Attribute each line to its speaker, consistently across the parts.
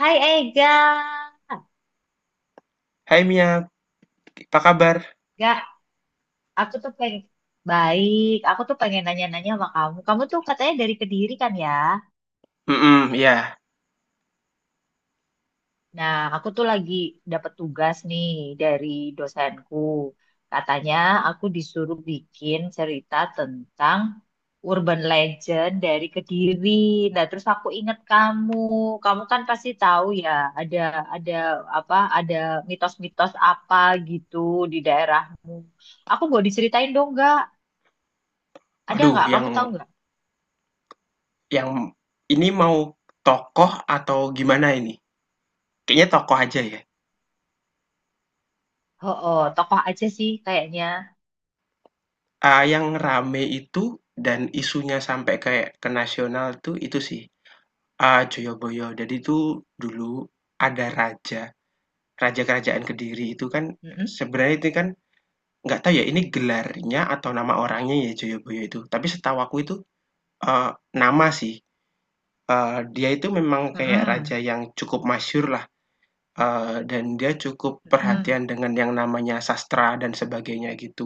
Speaker 1: Hai Ega.
Speaker 2: Hai Mia, apa kabar?
Speaker 1: Gak, aku tuh pengen baik. Aku tuh pengen nanya-nanya sama kamu. Kamu tuh katanya dari Kediri, kan ya?
Speaker 2: Mhm, iya.
Speaker 1: Nah, aku tuh lagi dapat tugas nih dari dosenku. Katanya aku disuruh bikin cerita tentang urban legend dari Kediri. Nah, terus aku ingat kamu. Kamu kan pasti tahu ya, ada ada apa? Ada mitos-mitos apa gitu di daerahmu. Aku boleh diceritain, dong, gak? Ada
Speaker 2: Waduh,
Speaker 1: nggak?
Speaker 2: yang
Speaker 1: Kamu tahu nggak?
Speaker 2: yang ini mau tokoh atau gimana ini? Kayaknya tokoh aja ya.
Speaker 1: Oh, oh, tokoh aja sih kayaknya.
Speaker 2: Ah, yang rame itu dan isunya sampai kayak ke nasional tuh itu sih. Ah, Joyoboyo. Jadi tuh dulu ada raja, raja kerajaan Kediri itu kan
Speaker 1: Mm-mm.
Speaker 2: sebenarnya itu kan nggak tahu ya ini gelarnya atau nama orangnya ya Joyoboyo itu. Tapi setahu aku itu eh, nama sih. Dia itu memang kayak raja
Speaker 1: Mm-mm,
Speaker 2: yang cukup masyhur lah. Dan dia cukup
Speaker 1: mm-mm.
Speaker 2: perhatian dengan yang namanya sastra dan sebagainya gitu.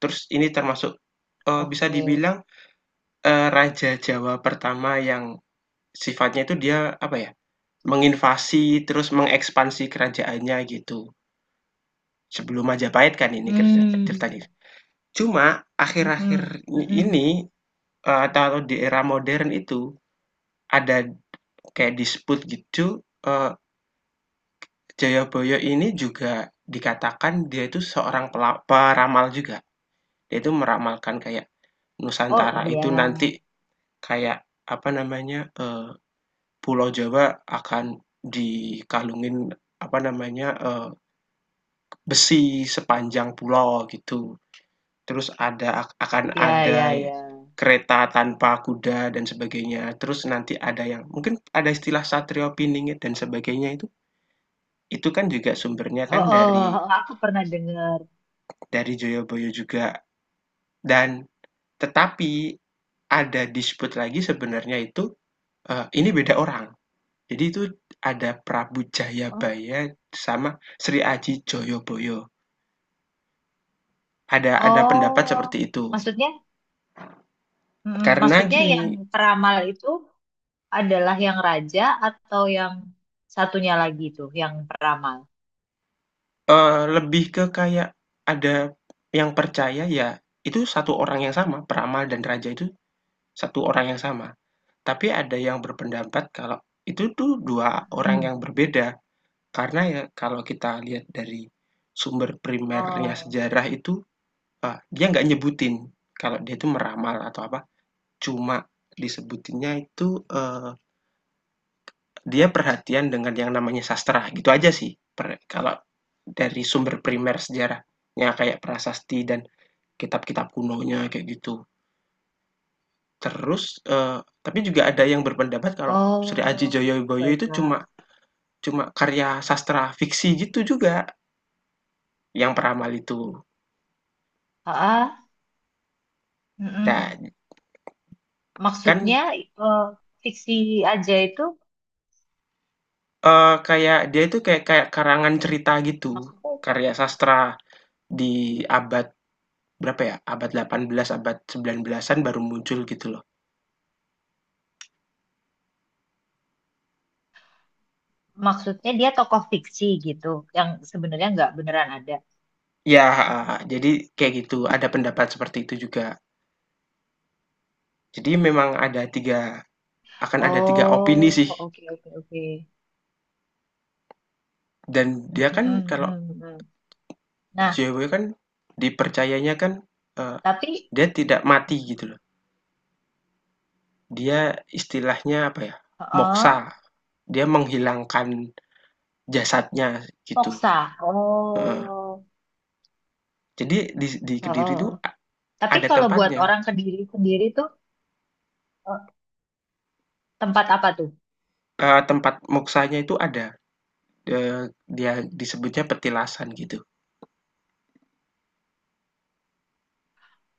Speaker 2: Terus ini termasuk, bisa
Speaker 1: Oke.
Speaker 2: dibilang, raja Jawa pertama yang sifatnya itu dia, apa ya, menginvasi terus mengekspansi kerajaannya gitu. Sebelum Majapahit kan ini kerita
Speaker 1: Hmm.
Speaker 2: ceritanya. Cuma
Speaker 1: Mm-mm,
Speaker 2: akhir-akhir
Speaker 1: mm-mm.
Speaker 2: ini, atau di era modern itu ada kayak dispute gitu, Jayabaya ini juga dikatakan dia itu seorang peramal juga. Dia itu meramalkan kayak Nusantara
Speaker 1: Oh iya,
Speaker 2: itu nanti kayak, apa namanya, Pulau Jawa akan dikalungin, apa namanya, besi sepanjang pulau gitu. Terus akan
Speaker 1: iya,
Speaker 2: ada
Speaker 1: iya, iya.
Speaker 2: kereta tanpa kuda dan sebagainya. Terus nanti ada yang mungkin ada istilah Satrio Piningit dan sebagainya itu kan juga sumbernya
Speaker 1: Oh,
Speaker 2: kan
Speaker 1: oh,
Speaker 2: dari
Speaker 1: oh, aku pernah dengar.
Speaker 2: dari Joyoboyo juga. Dan tetapi ada dispute lagi sebenarnya itu. Ini beda orang. Jadi itu ada Prabu
Speaker 1: Oh,
Speaker 2: Jayabaya sama Sri Aji Joyoboyo. Ada pendapat seperti
Speaker 1: oh,
Speaker 2: itu.
Speaker 1: maksudnya, mm
Speaker 2: Karena
Speaker 1: maksudnya
Speaker 2: gini,
Speaker 1: yang peramal itu adalah yang raja, atau yang satunya lagi itu, yang peramal.
Speaker 2: lebih ke kayak ada yang percaya ya itu satu orang yang sama, peramal dan raja itu satu orang yang sama. Tapi ada yang berpendapat kalau itu tuh dua orang yang
Speaker 1: Mm.
Speaker 2: berbeda. Karena ya kalau kita lihat dari sumber primernya
Speaker 1: Oh,
Speaker 2: sejarah itu, dia nggak nyebutin kalau dia itu meramal atau apa, cuma disebutinnya itu, dia perhatian dengan yang namanya sastra, gitu aja sih. Kalau dari sumber primer sejarahnya kayak prasasti dan kitab-kitab kunonya, kayak gitu. Terus, tapi juga ada yang berpendapat kalau Sri Aji
Speaker 1: oh,
Speaker 2: Joyoboyo itu cuma
Speaker 1: baiklah.
Speaker 2: cuma karya sastra fiksi gitu juga, yang peramal itu.
Speaker 1: Ah, ah,
Speaker 2: Nah,
Speaker 1: mm-mm.
Speaker 2: kan,
Speaker 1: Maksudnya, eh, fiksi aja itu,
Speaker 2: kayak dia itu kayak kayak karangan cerita gitu,
Speaker 1: maksudnya,
Speaker 2: karya sastra di abad berapa ya, abad 18 abad 19-an baru muncul gitu loh.
Speaker 1: dia tokoh fiksi gitu yang sebenarnya nggak beneran ada.
Speaker 2: Ya, heeh, jadi kayak gitu, ada pendapat seperti itu juga. Jadi memang ada tiga akan ada 3 opini sih,
Speaker 1: Oh, oke, oke, oke.
Speaker 2: dan dia kan
Speaker 1: Mm-mm,
Speaker 2: kalau
Speaker 1: mm, mm. Nah,
Speaker 2: JW kan dipercayanya kan, eee,
Speaker 1: tapi,
Speaker 2: dia tidak mati gitu loh. Dia istilahnya apa ya,
Speaker 1: heeh,
Speaker 2: moksa, dia menghilangkan jasadnya gitu,
Speaker 1: Poksa.
Speaker 2: heeh.
Speaker 1: Oh,
Speaker 2: Jadi di Kediri
Speaker 1: oh.
Speaker 2: itu
Speaker 1: Tapi
Speaker 2: ada
Speaker 1: kalau buat
Speaker 2: tempatnya,
Speaker 1: orang Kediri sendiri tuh, eh, tempat apa tuh?
Speaker 2: tempat moksanya itu ada. Dia disebutnya petilasan gitu.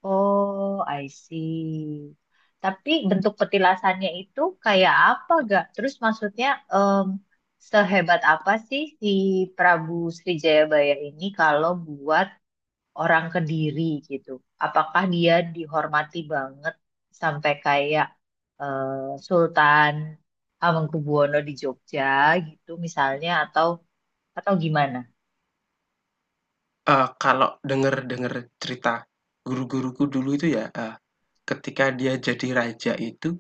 Speaker 1: Oh, I see. Tapi bentuk petilasannya itu kayak apa gak? Terus, maksudnya, em, sehebat apa sih si Prabu Jayabaya ini kalau buat orang Kediri gitu? Apakah dia dihormati banget sampai kayak, eh, Sultan Hamengkubuwono di Jogja gitu misalnya, atau gimana?
Speaker 2: Kalau dengar-dengar cerita guru-guruku dulu itu ya, ketika dia jadi raja itu,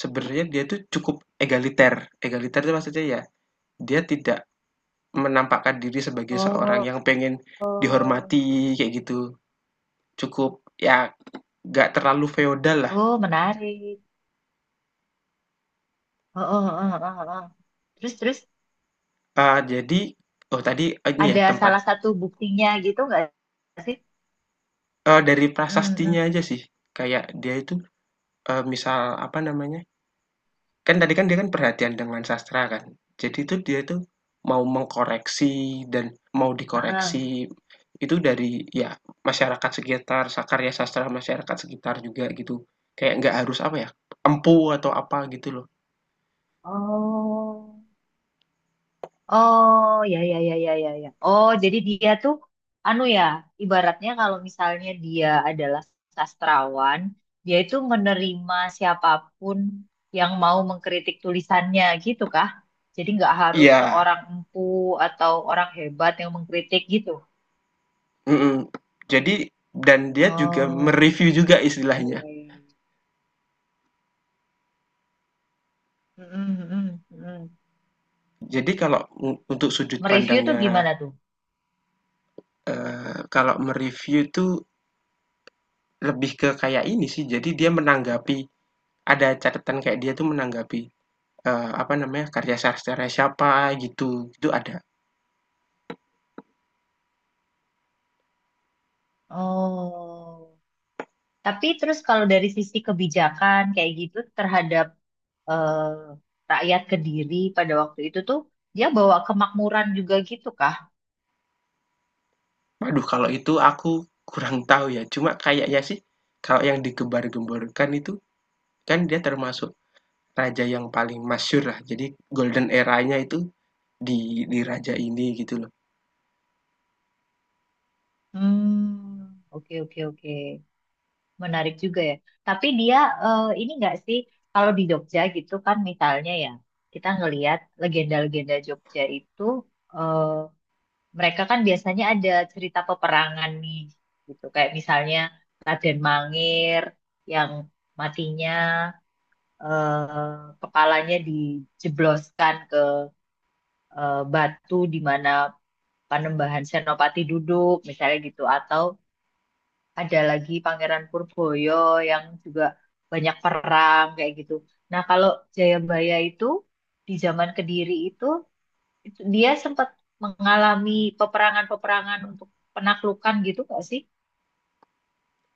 Speaker 2: sebenarnya dia tuh cukup egaliter. Egaliter itu maksudnya ya, dia tidak menampakkan diri sebagai seorang
Speaker 1: Oh,
Speaker 2: yang pengen
Speaker 1: oh,
Speaker 2: dihormati kayak gitu. Cukup ya nggak terlalu feodal lah.
Speaker 1: oh, menarik. Oh, oh, oh, oh, oh. Terus, terus.
Speaker 2: Jadi oh tadi ini ya
Speaker 1: Ada
Speaker 2: tempat,
Speaker 1: salah satu buktinya gitu nggak sih?
Speaker 2: dari
Speaker 1: Mm,
Speaker 2: prasastinya
Speaker 1: mm.
Speaker 2: aja sih. Kayak dia itu, misal apa namanya, kan tadi kan dia kan perhatian dengan sastra kan. Jadi tuh dia tuh mau mengkoreksi dan mau dikoreksi
Speaker 1: Heeh.
Speaker 2: itu dari ya masyarakat sekitar, karya sastra masyarakat sekitar juga gitu. Kayak nggak harus apa ya, empu atau apa gitu loh.
Speaker 1: Oh, oh ya, ya, ya, ya, ya, ya. Oh, jadi dia tuh anu ya, ibaratnya kalau misalnya dia adalah sastrawan, dia itu menerima siapapun yang mau mengkritik tulisannya, gitu kah? Jadi nggak harus
Speaker 2: Iya,
Speaker 1: seorang empu atau orang hebat yang mengkritik gitu.
Speaker 2: mhm. Jadi dan dia juga
Speaker 1: Oh,
Speaker 2: mereview juga
Speaker 1: ya,
Speaker 2: istilahnya.
Speaker 1: ya, ya. Mm, mm, mm, mm.
Speaker 2: Jadi kalau untuk sudut
Speaker 1: Mereview tuh
Speaker 2: pandangnya,
Speaker 1: gimana tuh?
Speaker 2: kalau mereview review itu lebih ke kayak ini sih, jadi dia menanggapi, ada catatan kayak dia tuh menanggapi apa namanya, karya sastra siapa gitu, itu ada.
Speaker 1: Oh, tapi terus kalau dari sisi kebijakan kayak gitu terhadap, rakyat Kediri pada waktu itu tuh, dia bawa kemakmuran juga gitu kah?
Speaker 2: Waduh kalau itu aku kurang tahu ya, cuma kayaknya sih kalau yang digembar-gemborkan itu kan dia termasuk raja yang paling masyur lah, jadi golden era-nya itu di di raja ini gitu loh.
Speaker 1: Hmm, oke, oke, oke, menarik juga ya. Tapi dia, ini nggak sih, kalau di Jogja gitu kan misalnya ya, kita ngelihat legenda-legenda Jogja itu, eh, mereka kan biasanya ada cerita peperangan nih, gitu kayak misalnya Raden Mangir yang matinya, kepalanya dijebloskan ke, batu di mana Panembahan Senopati duduk, misalnya, gitu, atau ada lagi Pangeran Purboyo yang juga banyak perang kayak gitu. Nah, kalau Jayabaya itu di zaman Kediri itu dia sempat mengalami peperangan-peperangan untuk penaklukan gitu nggak sih?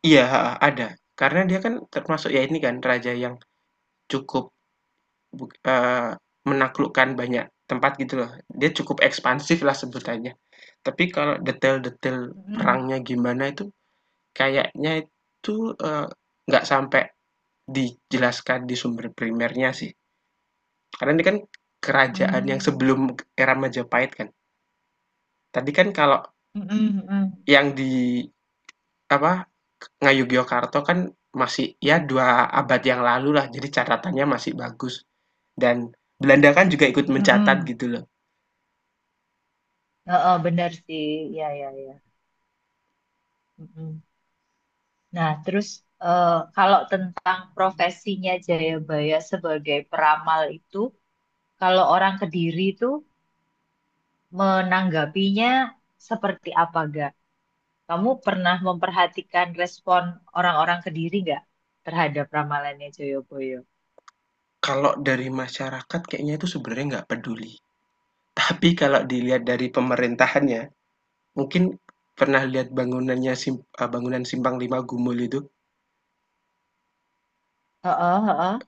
Speaker 2: Iya, ada. Karena dia kan termasuk ya ini kan raja yang cukup buk eee, menaklukkan banyak tempat gitu loh, dia cukup ekspansif lah sebutannya. Tapi kalau detail-detail
Speaker 1: Mm-mm.
Speaker 2: perangnya gimana itu kayaknya itu, nggak sampai dijelaskan di sumber primernya sih, karena ini kan kerajaan yang
Speaker 1: Mm.
Speaker 2: sebelum era Majapahit kan. Tadi kan kalau
Speaker 1: Mm, mm, mm-mm,
Speaker 2: yang di apa, Ngayogyakarta kan masih ya 2 abad yang lalu lah, jadi catatannya masih bagus, dan Belanda kan juga ikut mencatat
Speaker 1: mm-mm.
Speaker 2: gitu loh.
Speaker 1: Heeh, benar sih, ya, ya, ya. Mm-mm. Nah, terus, kalau tentang profesinya Jayabaya sebagai peramal itu, kalau orang Kediri itu menanggapinya seperti apa gak? Kamu pernah memperhatikan respon orang-orang Kediri nggak terhadap ramalannya Jayabaya?
Speaker 2: Kalau dari masyarakat kayaknya itu sebenarnya nggak peduli, tapi kalau dilihat dari pemerintahannya mungkin pernah lihat bangunannya bangunan Simpang Lima Gumul itu?
Speaker 1: Heeh, heeh.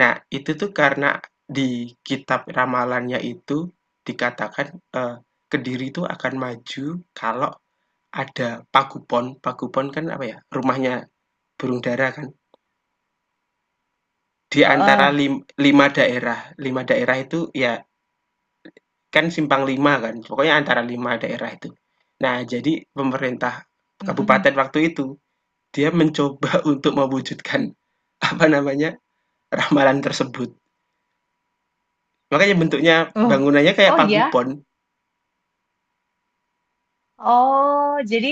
Speaker 2: Nah, itu tuh karena di kitab ramalannya itu dikatakan, Kediri itu akan maju kalau ada Pagupon. Pagupon kan apa ya, rumahnya burung dara kan. Di antara
Speaker 1: Heeh.
Speaker 2: 5 daerah, 5 daerah itu ya kan Simpang Lima kan, pokoknya antara 5 daerah itu. Nah, jadi pemerintah
Speaker 1: Mm-mm.
Speaker 2: kabupaten waktu itu, dia mencoba untuk mewujudkan, apa namanya, ramalan tersebut. Makanya bentuknya
Speaker 1: Oh,
Speaker 2: bangunannya kayak
Speaker 1: oh
Speaker 2: pagupon.
Speaker 1: ya. Oh, jadi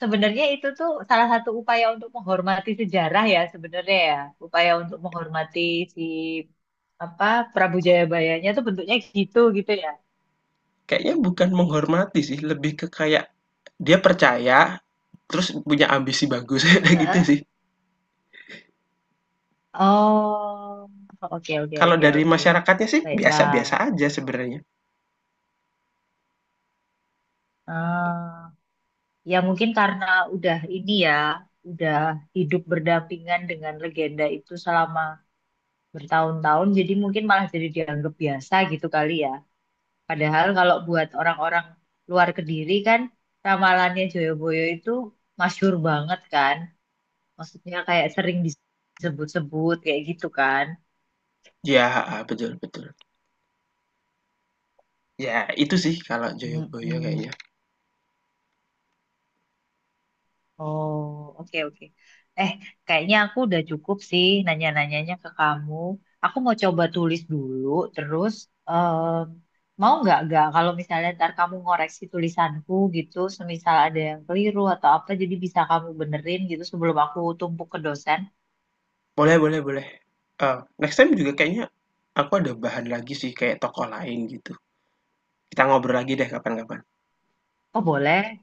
Speaker 1: sebenarnya itu tuh salah satu upaya untuk menghormati sejarah ya sebenarnya ya. Upaya untuk menghormati si apa, Prabu Jayabayanya tuh bentuknya gitu gitu ya.
Speaker 2: Kayaknya bukan menghormati sih, lebih ke kayak dia percaya, terus punya ambisi bagus, gitu
Speaker 1: Heeh.
Speaker 2: sih.
Speaker 1: Oh, oke, oke,
Speaker 2: Kalau
Speaker 1: oke,
Speaker 2: dari
Speaker 1: oke.
Speaker 2: masyarakatnya sih biasa-biasa
Speaker 1: Baiklah.
Speaker 2: aja sebenarnya.
Speaker 1: Ah, ya mungkin karena udah ini ya, udah hidup berdampingan dengan legenda itu selama bertahun-tahun, jadi mungkin malah jadi dianggap biasa gitu kali ya. Padahal kalau buat orang-orang luar Kediri kan ramalannya Joyoboyo itu masyhur banget kan. Maksudnya kayak sering disebut-sebut kayak gitu kan.
Speaker 2: Ya, betul betul. Ya itu sih kalau Joyoboyo kayaknya.
Speaker 1: Mm-mm. Oh, oke, oke. Eh, kayaknya aku udah cukup sih nanya-nanyanya ke kamu. Aku mau coba tulis dulu, terus, mau nggak kalau misalnya ntar kamu ngoreksi tulisanku gitu, semisal ada yang keliru atau apa, jadi bisa kamu benerin gitu sebelum aku tumpuk ke dosen.
Speaker 2: Boleh boleh boleh. Next time juga kayaknya aku ada bahan lagi sih kayak tokoh lain gitu. Kita ngobrol lagi deh kapan-kapan.
Speaker 1: Oh boleh.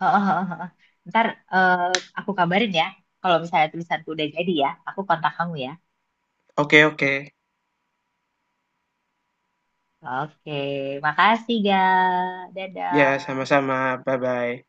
Speaker 1: Heeh, heeh, heeh. Ntar, eh, aku kabarin ya. Kalau misalnya tulisanku udah jadi ya, aku kontak kamu ya.
Speaker 2: Oke oke.
Speaker 1: Oke, makasih ga.
Speaker 2: Ya
Speaker 1: Dadah.
Speaker 2: sama-sama, bye-bye.